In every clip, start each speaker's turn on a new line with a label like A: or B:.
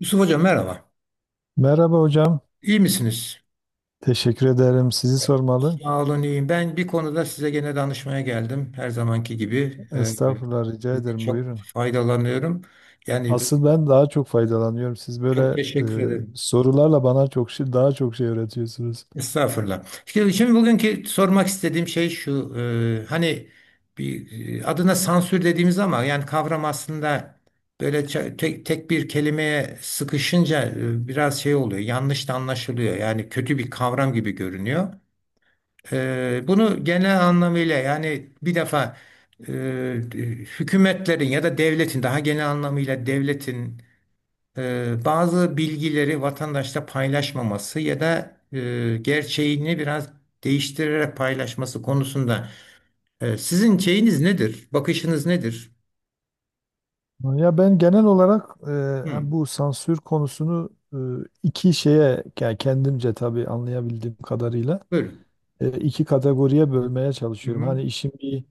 A: Yusuf Hocam merhaba.
B: Merhaba hocam.
A: İyi misiniz?
B: Teşekkür ederim. Sizi
A: Evet.
B: sormalı.
A: Sağ olun iyiyim. Ben bir konuda size gene danışmaya geldim. Her zamanki gibi.
B: Estağfurullah, rica
A: Sizden
B: ederim.
A: çok
B: Buyurun.
A: faydalanıyorum. Yani
B: Asıl ben daha çok faydalanıyorum. Siz
A: çok
B: böyle
A: teşekkür ederim.
B: sorularla bana daha çok şey öğretiyorsunuz.
A: Estağfurullah. Şimdi, bugünkü sormak istediğim şey şu. Hani bir adına sansür dediğimiz ama yani kavram aslında böyle tek bir kelimeye sıkışınca biraz şey oluyor. Yanlış da anlaşılıyor. Yani kötü bir kavram gibi görünüyor. Bunu genel anlamıyla yani bir defa eee, hükümetlerin ya da devletin daha genel anlamıyla devletin bazı bilgileri vatandaşla paylaşmaması ya da gerçeğini biraz değiştirerek paylaşması konusunda sizin şeyiniz nedir? Bakışınız nedir?
B: Ya ben genel olarak
A: Hı,
B: hem bu sansür konusunu iki şeye, yani kendimce tabii anlayabildiğim kadarıyla,
A: buyurun.
B: iki kategoriye bölmeye
A: Hı
B: çalışıyorum.
A: hı,
B: Hani işin bir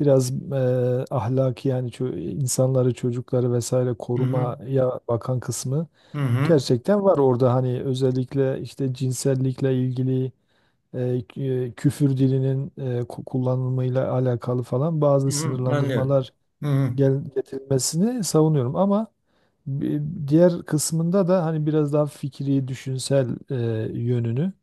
B: biraz ahlaki, yani insanları, çocukları vesaire
A: hı hı,
B: korumaya bakan kısmı.
A: hı hı,
B: Gerçekten var orada, hani özellikle işte cinsellikle ilgili, küfür dilinin kullanımıyla alakalı falan bazı
A: hı hı, anlıyorum.
B: sınırlandırmalar
A: Hı hı.
B: getirilmesini savunuyorum, ama bi- diğer kısmında da hani biraz daha fikri, düşünsel yönünü,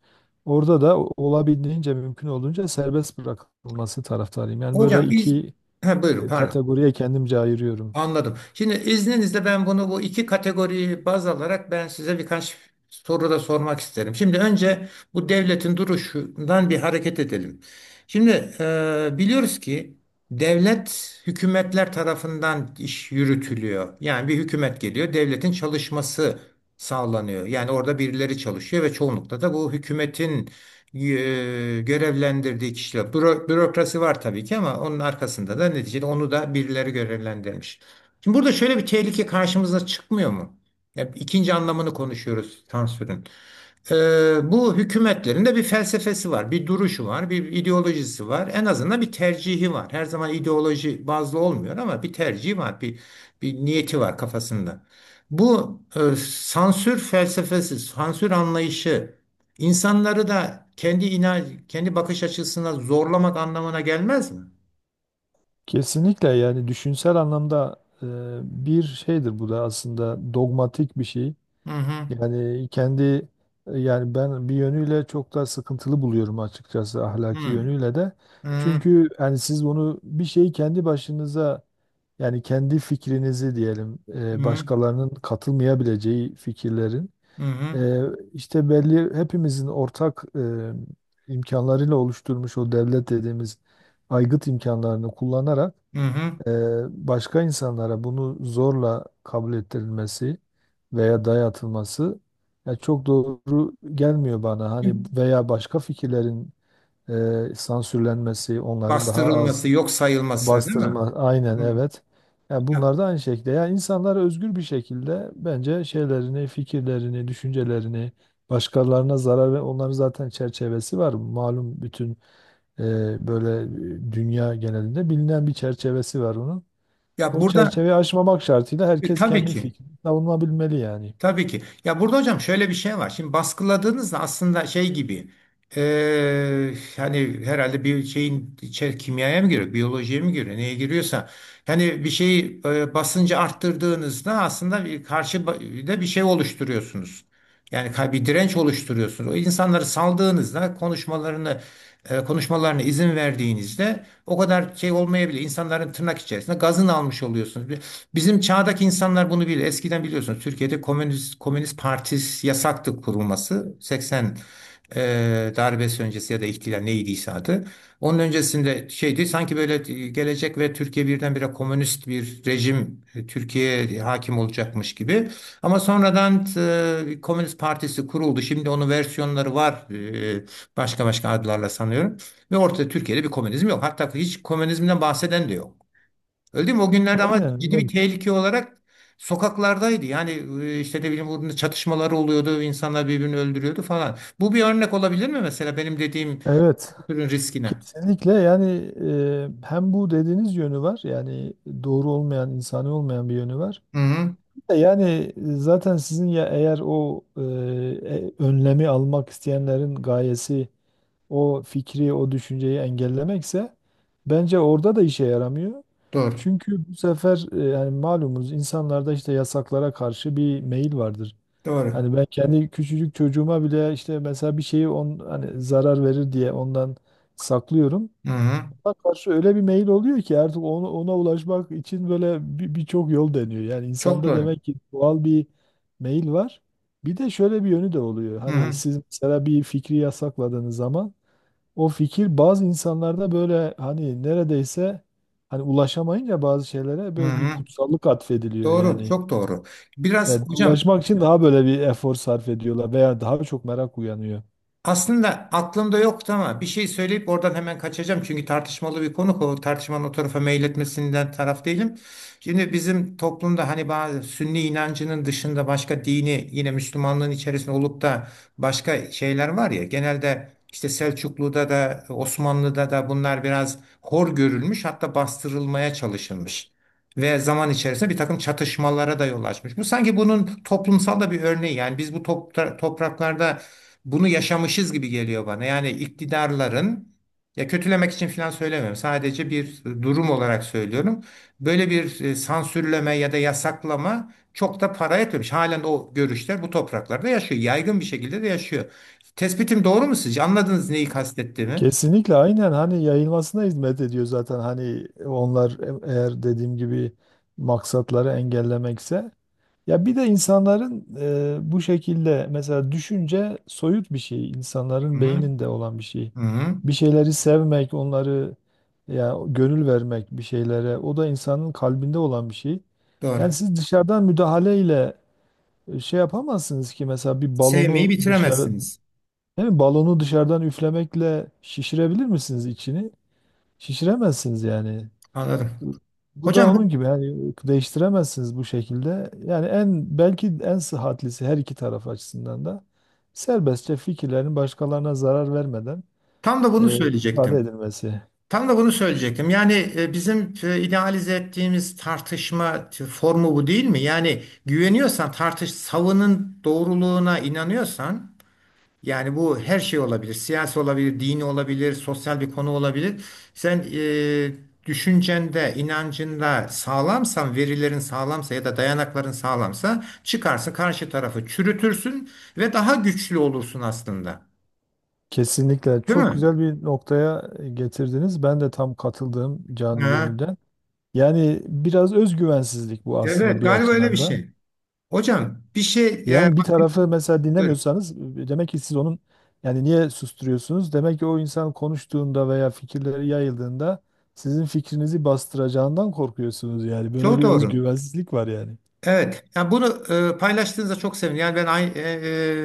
B: orada da olabildiğince, mümkün olduğunca serbest bırakılması taraftarıyım. Yani böyle
A: Hocam biz
B: iki
A: ha, buyurun pardon.
B: kategoriye kendimce ayırıyorum.
A: Anladım. Şimdi izninizle ben bunu bu iki kategoriyi baz alarak ben size birkaç soru da sormak isterim. Şimdi önce bu devletin duruşundan bir hareket edelim. Şimdi biliyoruz ki devlet hükümetler tarafından iş yürütülüyor. Yani bir hükümet geliyor, devletin çalışması sağlanıyor. Yani orada birileri çalışıyor ve çoğunlukla da bu hükümetin e, görevlendirdiği kişiler. Bürokrasi var tabii ki ama onun arkasında da neticede onu da birileri görevlendirmiş. Şimdi burada şöyle bir tehlike karşımıza çıkmıyor mu? Hep ikinci anlamını konuşuyoruz sansürün. Bu hükümetlerin de bir felsefesi var, bir duruşu var, bir ideolojisi var. En azından bir tercihi var. Her zaman ideoloji bazlı olmuyor ama bir tercihi var, bir niyeti var kafasında. Bu sansür felsefesi, sansür anlayışı insanları da kendi bakış açısına zorlamak anlamına gelmez mi?
B: Kesinlikle, yani düşünsel anlamda bir şeydir bu da, aslında dogmatik bir şey.
A: Hı hı.
B: Yani kendi Yani ben bir yönüyle çok da sıkıntılı buluyorum açıkçası,
A: Hı
B: ahlaki
A: hı.
B: yönüyle de.
A: Hı
B: Çünkü yani siz bunu, bir şeyi kendi başınıza, yani kendi fikrinizi diyelim,
A: hı.
B: başkalarının katılmayabileceği fikirlerin
A: Hı hı.
B: e, işte belli, hepimizin ortak imkanlarıyla oluşturmuş o devlet dediğimiz aygıt imkanlarını kullanarak
A: Hı hı.
B: başka insanlara bunu zorla kabul ettirilmesi veya dayatılması ya çok doğru gelmiyor bana. Hani veya başka fikirlerin sansürlenmesi, onların daha az
A: Bastırılması, yok sayılması, değil mi?
B: bastırılma, aynen
A: Hı.
B: evet. Yani
A: Ya,
B: bunlar da aynı şekilde. Yani insanlar özgür bir şekilde, bence şeylerini, fikirlerini, düşüncelerini başkalarına zarar ve onların zaten çerçevesi var. Malum, bütün e, böyle dünya genelinde bilinen bir çerçevesi var onun.
A: Ya
B: O
A: burada
B: çerçeveyi aşmamak şartıyla herkes
A: tabii
B: kendi
A: ki,
B: fikrini savunabilmeli yani.
A: tabii ki. Ya burada hocam şöyle bir şey var. Şimdi baskıladığınızda aslında şey gibi, hani herhalde bir şeyin içer kimyaya mı giriyor, biyolojiye mi giriyor, neye giriyorsa. Yani bir şeyi basıncı arttırdığınızda aslında bir karşı da bir şey oluşturuyorsunuz. Yani bir direnç oluşturuyorsunuz. O insanları saldığınızda konuşmalarına izin verdiğinizde o kadar şey olmayabilir. İnsanların tırnak içerisinde gazını almış oluyorsunuz. Bizim çağdaki insanlar bunu bilir. Eskiden biliyorsunuz Türkiye'de Komünist Partisi yasaktı kurulması. 80 darbesi öncesi ya da ihtilal neydiyse adı. Onun öncesinde şeydi sanki böyle gelecek ve Türkiye birdenbire komünist bir rejim Türkiye'ye hakim olacakmış gibi. Ama sonradan Komünist Partisi kuruldu. Şimdi onun versiyonları var. e, Başka başka adlarla sanıyorum. Ve ortada Türkiye'de bir komünizm yok. Hatta hiç komünizmden bahseden de yok. Öldü mü o günlerde ama
B: Aynen,
A: ciddi bir
B: evet.
A: tehlike olarak sokaklardaydı. Yani işte de bileyim burada çatışmalar oluyordu, insanlar birbirini öldürüyordu falan. Bu bir örnek olabilir mi mesela benim dediğim
B: Evet,
A: bu türün riskine?
B: kesinlikle, yani hem bu dediğiniz yönü var, yani doğru olmayan, insani olmayan bir yönü var.
A: Hı hı.
B: Bir de yani zaten sizin, ya eğer o, önlemi almak isteyenlerin gayesi o fikri, o düşünceyi engellemekse, bence orada da işe yaramıyor.
A: Doğru.
B: Çünkü bu sefer, yani malumunuz, insanlarda işte yasaklara karşı bir meyil vardır.
A: Doğru.
B: Hani ben kendi küçücük çocuğuma bile, işte mesela bir şeyi, hani zarar verir diye ondan saklıyorum.
A: Hı hı.
B: Ona karşı öyle bir meyil oluyor ki artık, ona ulaşmak için böyle birçok yol deniyor. Yani
A: Çok
B: insanda
A: doğru.
B: demek ki doğal bir meyil var. Bir de şöyle bir yönü de oluyor.
A: Hı
B: Hani
A: hı.
B: siz mesela bir fikri yasakladığınız zaman, o fikir bazı insanlarda böyle, hani neredeyse, hani ulaşamayınca bazı şeylere
A: Hı
B: böyle bir
A: hı.
B: kutsallık atfediliyor
A: Doğru,
B: yani.
A: çok doğru. Biraz
B: Yani
A: hocam
B: ulaşmak için daha böyle bir efor sarf ediyorlar veya daha çok merak uyanıyor.
A: aslında aklımda yoktu ama bir şey söyleyip oradan hemen kaçacağım. Çünkü tartışmalı bir konu. O tartışmanın o tarafa meyletmesinden taraf değilim. Şimdi bizim toplumda hani bazı Sünni inancının dışında başka dini yine Müslümanlığın içerisinde olup da başka şeyler var ya. Genelde işte Selçuklu'da da Osmanlı'da da bunlar biraz hor görülmüş hatta bastırılmaya çalışılmış. Ve zaman içerisinde bir takım çatışmalara da yol açmış. Bu sanki bunun toplumsal da bir örneği. Yani biz bu topraklarda bunu yaşamışız gibi geliyor bana. Yani iktidarların ya kötülemek için falan söylemiyorum. Sadece bir durum olarak söylüyorum. Böyle bir sansürleme ya da yasaklama çok da para etmemiş. Halen o görüşler bu topraklarda yaşıyor. Yaygın bir şekilde de yaşıyor. Tespitim doğru mu sizce? Anladınız neyi kastettiğimi?
B: Kesinlikle, aynen, hani yayılmasına hizmet ediyor zaten, hani onlar, eğer dediğim gibi maksatları engellemekse. Ya bir de insanların bu şekilde, mesela düşünce soyut bir şey,
A: Hı
B: insanların
A: hı.
B: beyninde olan bir şey.
A: Hı hı.
B: Bir şeyleri sevmek, onları, ya gönül vermek bir şeylere, o da insanın kalbinde olan bir şey.
A: Doğru.
B: Yani siz dışarıdan müdahaleyle şey yapamazsınız ki, mesela bir
A: Sevmeyi
B: balonu dışarı,
A: bitiremezsiniz.
B: değil mi? Balonu dışarıdan üflemekle şişirebilir misiniz içini? Şişiremezsiniz yani.
A: Anladım.
B: Bu da
A: Hocam
B: onun
A: bu
B: gibi, yani değiştiremezsiniz bu şekilde. Yani en, belki en sıhhatlisi, her iki taraf açısından da serbestçe fikirlerin başkalarına zarar vermeden
A: tam da bunu
B: ifade
A: söyleyecektim.
B: edilmesi.
A: Tam da bunu söyleyecektim. Yani bizim idealize ettiğimiz tartışma formu bu değil mi? Yani güveniyorsan tartış, savının doğruluğuna inanıyorsan yani bu her şey olabilir. Siyasi olabilir, dini olabilir, sosyal bir konu olabilir. Sen düşüncende, inancında sağlamsan, verilerin sağlamsa ya da dayanakların sağlamsa çıkarsın karşı tarafı çürütürsün ve daha güçlü olursun aslında.
B: Kesinlikle,
A: Değil
B: çok
A: mi?
B: güzel bir noktaya getirdiniz. Ben de tam katıldığım, canı
A: Ha,
B: gönülden. Yani biraz özgüvensizlik bu, aslında
A: evet,
B: bir
A: galiba öyle bir
B: açıdan da.
A: şey. Hocam bir şey yani
B: Yani bir tarafı mesela
A: buyurun.
B: dinlemiyorsanız, demek ki siz onun, yani niye susturuyorsunuz? Demek ki o insan konuştuğunda veya fikirleri yayıldığında sizin fikrinizi bastıracağından korkuyorsunuz yani. Böyle
A: Çok
B: bir
A: doğru.
B: özgüvensizlik var yani.
A: Evet. Yani bunu paylaştığınızda çok sevindim. Yani ben aynı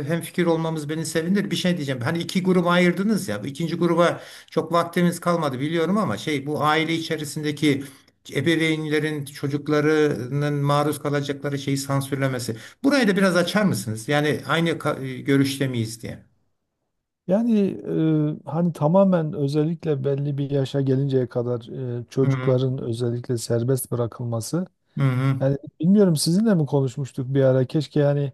A: hem fikir olmamız beni sevindir. Bir şey diyeceğim. Hani iki gruba ayırdınız ya. Bu İkinci gruba çok vaktimiz kalmadı biliyorum ama şey, bu aile içerisindeki ebeveynlerin çocuklarının maruz kalacakları şeyi sansürlemesi. Burayı da biraz açar mısınız? Yani aynı görüşte miyiz diye.
B: Yani hani tamamen, özellikle belli bir yaşa gelinceye kadar
A: Hı hı.
B: çocukların özellikle serbest bırakılması.
A: Hı hı.
B: Yani bilmiyorum, sizinle mi konuşmuştuk bir ara? Keşke yani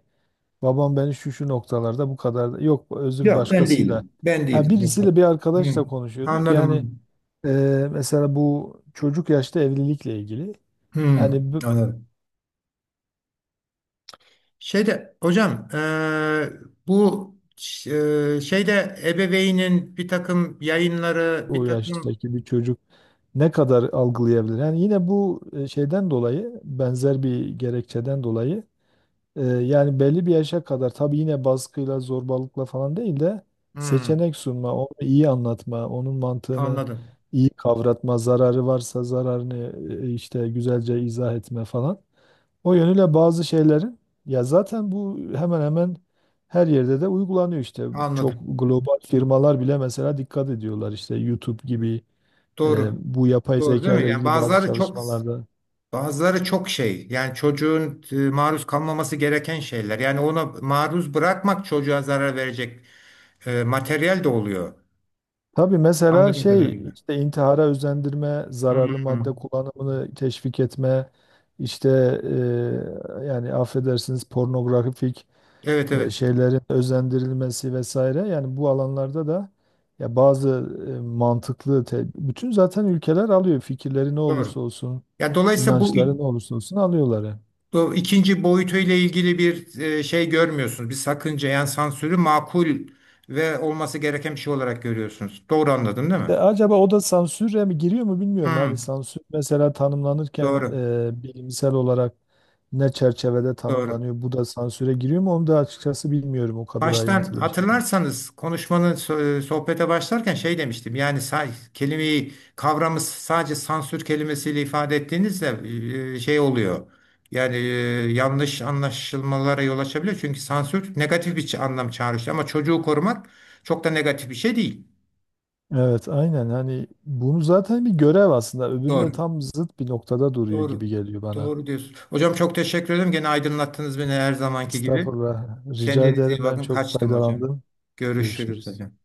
B: babam beni şu şu noktalarda bu kadar yok, özür,
A: Yok ben
B: başkasıyla.
A: değilim. Ben
B: Ha,
A: değilim. Yok.
B: birisiyle, bir
A: Hı.
B: arkadaşla konuşuyorduk. Yani
A: Anladım.
B: e, mesela bu çocuk yaşta evlilikle ilgili.
A: Hmm,
B: Yani
A: anladım. Şeyde hocam bu şeyde ebeveynin bir takım yayınları bir
B: o
A: takım
B: yaştaki bir çocuk ne kadar algılayabilir? Yani yine bu şeyden dolayı, benzer bir gerekçeden dolayı. Yani belli bir yaşa kadar tabii, yine baskıyla, zorbalıkla falan değil de
A: hmm,
B: seçenek sunma, onu iyi anlatma, onun mantığını
A: anladım,
B: iyi kavratma, zararı varsa zararını işte güzelce izah etme falan. O yönüyle bazı şeylerin, ya zaten bu hemen hemen her yerde de uygulanıyor işte. Çok
A: anladım,
B: global firmalar bile mesela dikkat ediyorlar, işte YouTube gibi,
A: doğru,
B: bu yapay
A: doğru, değil
B: zeka
A: mi?
B: ile
A: Yani
B: ilgili bazı
A: bazıları çok
B: çalışmalarda.
A: bazıları çok şey yani çocuğun maruz kalmaması gereken şeyler yani ona maruz bırakmak çocuğa zarar verecek materyal de oluyor
B: Tabii mesela
A: anladığım
B: şey,
A: kadarıyla.
B: işte intihara özendirme, zararlı madde
A: Hmm,
B: kullanımını teşvik etme, işte yani affedersiniz, pornografik
A: evet, evet,
B: şeylerin özendirilmesi vesaire. Yani bu alanlarda da, ya bazı mantıklı, bütün zaten ülkeler alıyor, fikirleri ne olursa
A: doğru.
B: olsun,
A: Ya dolayısıyla bu
B: inançları ne olursa olsun alıyorlar yani.
A: bu ikinci boyutuyla ilgili bir şey görmüyorsunuz. Bir sakınca yani sansürü makul ve olması gereken bir şey olarak görüyorsunuz. Doğru anladım değil
B: De
A: mi?
B: acaba o da sansüre mi giriyor mu, bilmiyorum. Hani
A: Hmm,
B: sansür mesela tanımlanırken
A: doğru,
B: bilimsel olarak ne çerçevede
A: doğru.
B: tanımlanıyor? Bu da sansüre giriyor mu? Onu da açıkçası bilmiyorum, o kadar
A: Baştan
B: ayrıntılı bir şekilde.
A: hatırlarsanız konuşmanın sohbete başlarken şey demiştim. Yani kelimeyi kavramı sadece sansür kelimesiyle ifade ettiğinizde şey oluyor. Yani yanlış anlaşılmalara yol açabiliyor. Çünkü sansür negatif bir anlam çağrıştırıyor. Ama çocuğu korumak çok da negatif bir şey değil.
B: Evet, aynen. Hani bunu zaten bir görev aslında. Öbürüyle
A: Doğru.
B: tam zıt bir noktada duruyor
A: Doğru.
B: gibi geliyor bana.
A: Doğru diyorsun. Hocam çok teşekkür ederim. Gene aydınlattınız beni her zamanki gibi.
B: Estağfurullah. Rica
A: Kendinize iyi
B: ederim. Ben
A: bakın.
B: çok
A: Kaçtım hocam.
B: faydalandım.
A: Görüşürüz
B: Görüşürüz.
A: hocam.